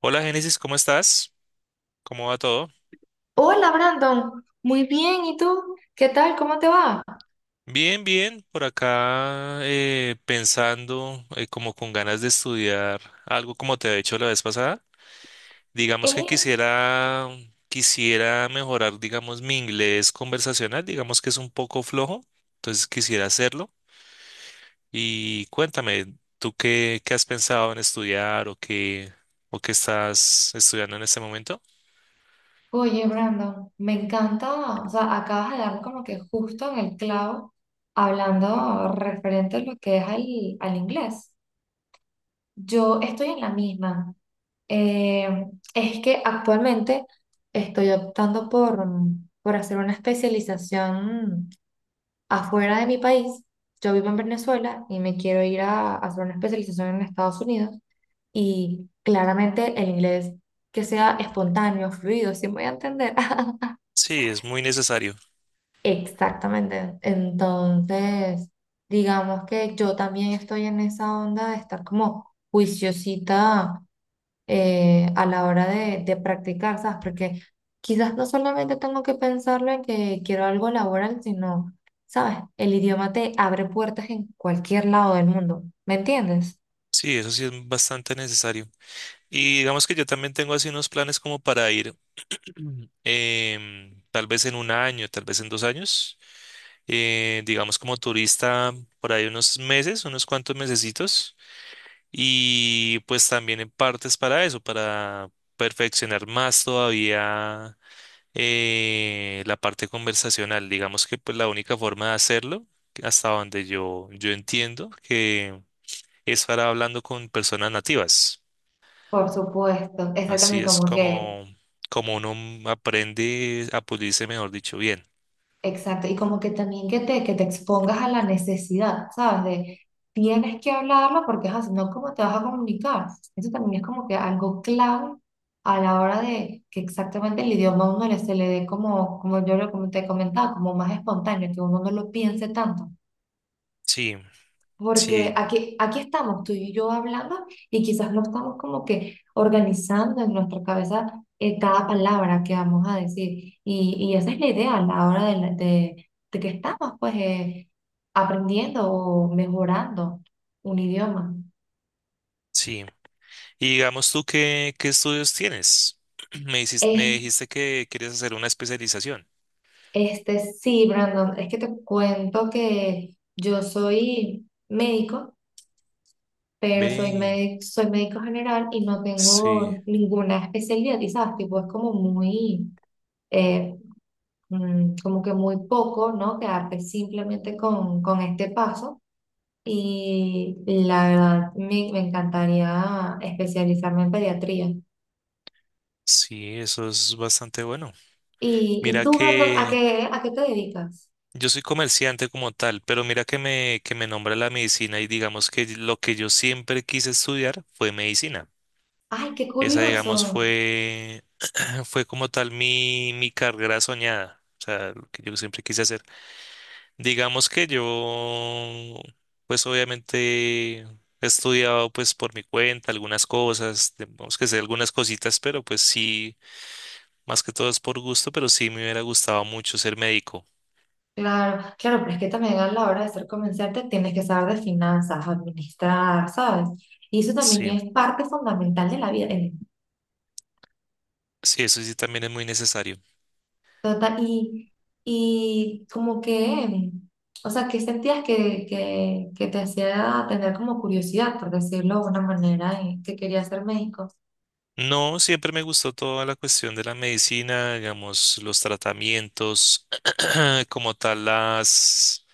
Hola Génesis, ¿cómo estás? ¿Cómo va todo? Hola Brandon, muy bien, ¿y tú? ¿Qué tal? ¿Cómo te va? Bien, bien, por acá pensando como con ganas de estudiar algo como te había hecho la vez pasada. Digamos que Eh, quisiera, quisiera mejorar, digamos, mi inglés conversacional, digamos que es un poco flojo, entonces quisiera hacerlo. Y cuéntame, ¿ qué has pensado en estudiar o qué estás estudiando en este momento? Oye Brandon, me encanta, o sea, acabas de darme como que justo en el clavo hablando referente a lo que es al inglés. Yo estoy en la misma. Eh, es que actualmente estoy optando por hacer una especialización afuera de mi país. Yo vivo en Venezuela y me quiero ir a hacer una especialización en Estados Unidos. Y claramente el inglés que sea espontáneo, fluido, si voy a entender. Sí, es muy necesario. Exactamente. Entonces, digamos que yo también estoy en esa onda de estar como juiciosita a la hora de practicar, ¿sabes? Porque quizás no solamente tengo que pensarlo en que quiero algo laboral, sino, ¿sabes? El idioma te abre puertas en cualquier lado del mundo, ¿me entiendes? Sí, eso sí es bastante necesario. Y digamos que yo también tengo así unos planes como para ir. Ujú. Tal vez en un año, tal vez en dos años, digamos como turista por ahí unos meses, unos cuantos mesecitos, y pues también en partes para eso, para perfeccionar más todavía la parte conversacional. Digamos que pues la única forma de hacerlo, hasta donde yo entiendo, que es para hablando con personas nativas. Por supuesto, Así exactamente es como que. como, como uno aprende a pulirse, mejor dicho, bien. Exacto, y como que también que que te expongas a la necesidad, ¿sabes? De tienes que hablarlo porque ajá, si no, ¿cómo te vas a comunicar? Eso también es como que algo clave a la hora de que exactamente el idioma a uno le, se le dé como, como yo lo, como te comentaba, como más espontáneo, que uno no lo piense tanto. Sí, sí, Porque aquí estamos tú y yo hablando y quizás no estamos como que organizando en nuestra cabeza cada palabra que vamos a decir. Y esa es la idea a la hora de que estamos pues. Aprendiendo o mejorando un idioma. sí. Y digamos tú, ¿ qué estudios tienes? Me dijiste, me Es, dijiste que quieres hacer una especialización. este, sí, Brandon, es que te cuento que yo soy médico, Ve, soy médico general y no sí, tengo ninguna especialidad, y sabes, tipo, es como muy... eh, como que muy poco, ¿no? Quedarte simplemente con este paso. Y la verdad, me encantaría especializarme en pediatría. sí, eso es bastante bueno. Y Mira tú, Brandon, que a qué te dedicas? yo soy comerciante como tal, pero mira que que me nombra la medicina y digamos que lo que yo siempre quise estudiar fue medicina. ¡Ay, qué Esa, digamos, curioso! fue Ah, Fue como tal mi carrera soñada, o sea, lo que yo siempre quise hacer. Digamos que yo, pues obviamente he estudiado pues por mi cuenta algunas cosas, tenemos que hacer algunas cositas, pero pues sí, más que todo es por gusto, pero sí me hubiera gustado mucho ser médico. Claro, claro, pero es que también a la hora de ser comerciante tienes que saber de finanzas, administrar, ¿sabes? Y eso también Sí, es parte fundamental de la vida. sí, eso sí también es muy necesario. Total, y como que, o sea, ¿qué sentías que te hacía tener como curiosidad, por decirlo de una manera, que quería ser médico? No, siempre me gustó toda la cuestión de la medicina, digamos, los tratamientos, como tal las,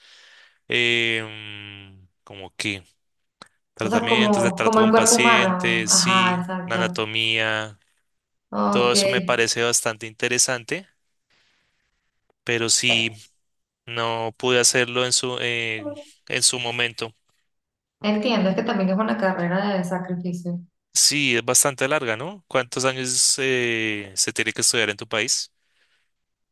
como que O sea, tratamientos, el como, como trato el con cuerpo humano. pacientes, Ajá, sí, la exacto. anatomía, todo Ok. eso me parece bastante interesante, pero sí, no pude hacerlo en en su momento. entiendo, es que también es una carrera de sacrificio. Sí, es bastante larga, ¿no? ¿Cuántos años se tiene que estudiar en tu país?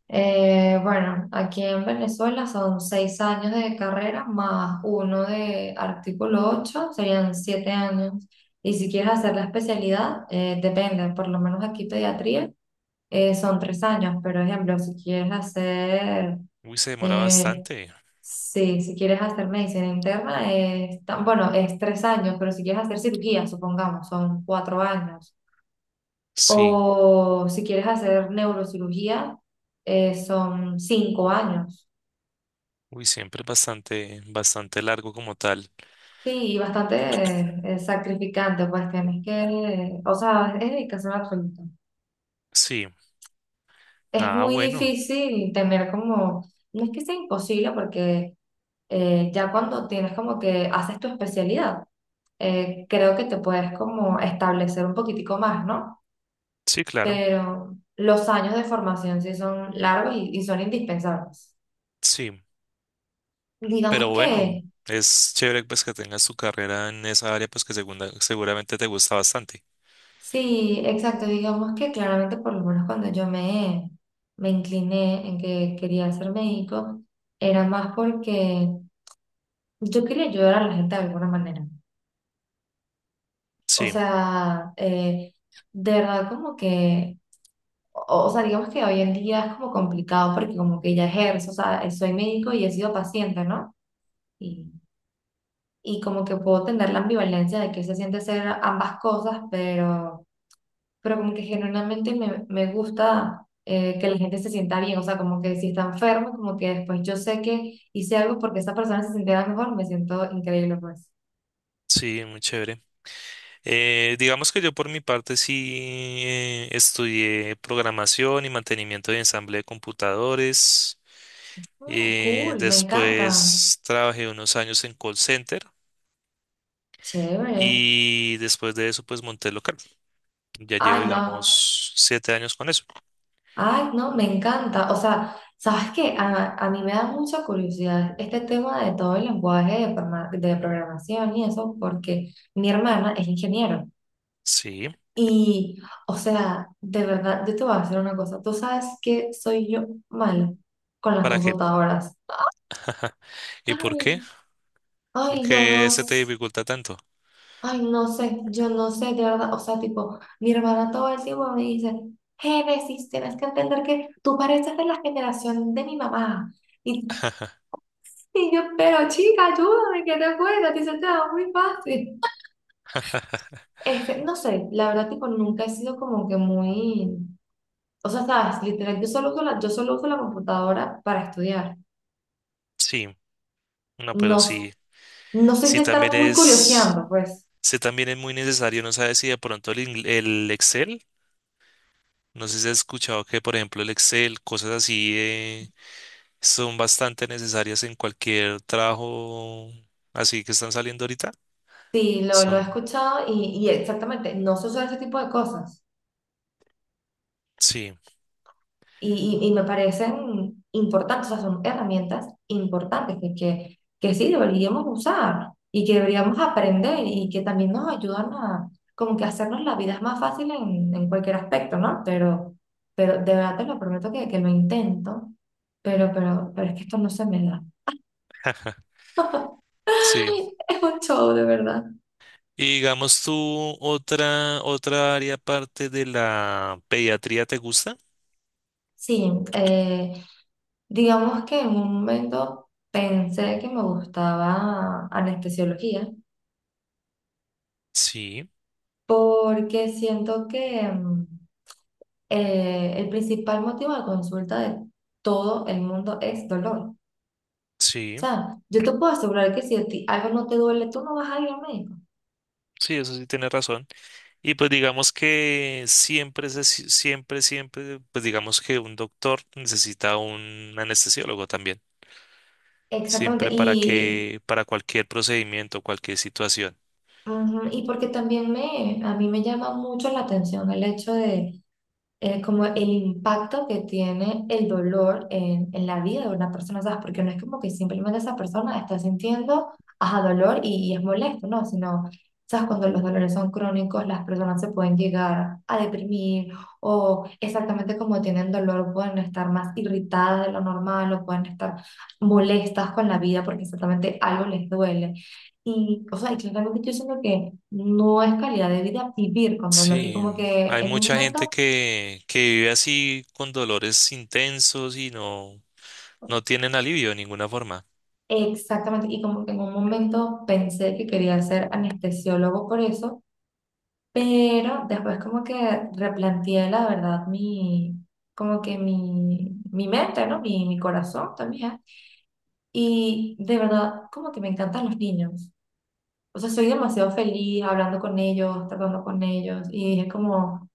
Bueno, aquí en Venezuela son 6 años de carrera más 1 de artículo 8, serían 7 años. Y si quieres hacer la especialidad, depende, por lo menos aquí pediatría son 3 años, pero ejemplo, si quieres Uy, se demora eh, bastante, sí, si quieres hacer medicina interna, es bueno, es 3 años, pero si quieres hacer cirugía, supongamos, son 4 años. sí. O si quieres hacer neurocirugía, son 5 años. Uy, siempre es bastante, bastante largo como tal. Sí, y bastante sacrificante, pues tienes que, o sea, es dedicación absoluta. Sí. Es Ah, muy bueno. difícil tener como, no es que sea imposible, porque ya cuando tienes como que haces tu especialidad, creo que te puedes como establecer un poquitico más, ¿no? Sí, claro. Pero los años de formación sí son largos y son indispensables. Sí. Digamos Pero que bueno, es chévere pues que tengas tu carrera en esa área pues que seguramente te gusta bastante. sí, exacto. Digamos que claramente, por lo menos cuando yo me incliné en que quería ser médico, era más porque yo quería ayudar a la gente de alguna manera. O Sí, sea, de verdad como que, o sea, digamos que hoy en día es como complicado porque como que ya ejerzo, o sea, soy médico y he sido paciente, ¿no? Y, y como que puedo tener la ambivalencia de que se siente ser ambas cosas, pero como que generalmente me gusta que la gente se sienta bien, o sea, como que si está enfermo, como que después yo sé que hice algo porque esa persona se sintiera mejor, me siento increíble, pues. sí, muy chévere. Digamos que yo por mi parte sí estudié programación y mantenimiento de ensamble de computadores. Mm, cool, me encanta, Después trabajé unos años en call center chévere. y después de eso pues monté local. Ya llevo, Ay, no, digamos, siete años con eso. ay, no, me encanta. O sea, ¿sabes qué? A mí me da mucha curiosidad este tema de todo el lenguaje de programación y eso, porque mi hermana es ingeniero. Sí, Y, o sea, de verdad, yo te voy a decir una cosa. Tú sabes que soy yo malo con las ¿para qué? computadoras. ¿Y por Ay, qué? ¿Por ay, yo qué no, se te s- dificulta tanto? ay, no sé, yo no sé, de verdad. O sea, tipo, mi hermana todo el tiempo me dice, Génesis, tienes que entender que tú pareces de la generación de mi mamá. Y, y yo, pero chica, ayúdame, que te cuesta, te dice, "Te va muy fácil. Este, no sé, la verdad, tipo, nunca he sido como que muy, o sea, sabes, literal, yo solo uso la computadora para estudiar. Sí, no, pero No, s- sí, no soy sí de también estar muy es, curioseando, pues. sí también es muy necesario, no sabes si de pronto el Excel, no sé si has escuchado que, por ejemplo, el Excel, cosas así, son bastante necesarias en cualquier trabajo así que están saliendo ahorita. Sí, lo he Son, escuchado y exactamente, no se usa ese tipo de cosas. sí, Y me parecen importantes, o sea, son herramientas importantes que sí deberíamos usar y que deberíamos aprender y que también nos ayudan a como que hacernos la vida más fácil en cualquier aspecto, ¿no? Pero de verdad te lo prometo que lo intento, pero es que esto no se me da. sí. Es un show, de verdad. Y digamos tú, otra área aparte de la pediatría, ¿te gusta? Sí, digamos que en un momento pensé que me gustaba anestesiología Sí, porque siento que el principal motivo de consulta de todo el mundo es dolor. O sí, sea, yo te puedo asegurar que si a ti algo no te duele, tú no vas a ir al médico. sí, eso sí tienes razón. Y pues digamos que siempre, se- si, siempre, siempre, pues digamos que un doctor necesita un anestesiólogo también. Exactamente. Siempre para que, para cualquier procedimiento, cualquier situación. Ujú, y porque también me, a mí me llama mucho la atención el hecho de como el impacto que tiene el dolor en la vida de una persona, ¿sabes? Porque no es como que simplemente esa persona está sintiendo, ajá, dolor y es molesto, ¿no? Sino, ¿sabes? Cuando los dolores son crónicos, las personas se pueden llegar a deprimir o exactamente como tienen dolor, pueden estar más irritadas de lo normal o pueden estar molestas con la vida porque exactamente algo les duele. Y, o sea, y claramente yo siento que no es calidad de vida vivir con dolor. Y Sí, como que hay en un mucha gente momento que vive así con dolores intensos y no, no tienen alivio de ninguna forma. exactamente, y como que en un momento pensé que quería ser anestesiólogo por eso, pero después como que replanteé la verdad como que mi mente, ¿no? Mi corazón también, y de verdad como que me encantan los niños, o sea, soy demasiado feliz hablando con ellos, tratando con ellos, y dije como,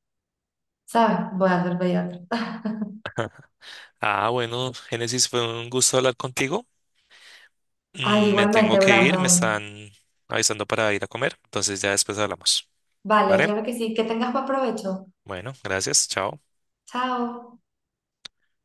¿sabes? Voy a ser pediatra. Ah, bueno, Génesis, fue un gusto hablar contigo. Ay, Me tengo igualmente, que ir, me Brandon. están avisando para ir a comer, entonces ya después hablamos. Vale, ¿Vale? claro que sí, que tengas buen provecho. Bueno, gracias, chao. Chao.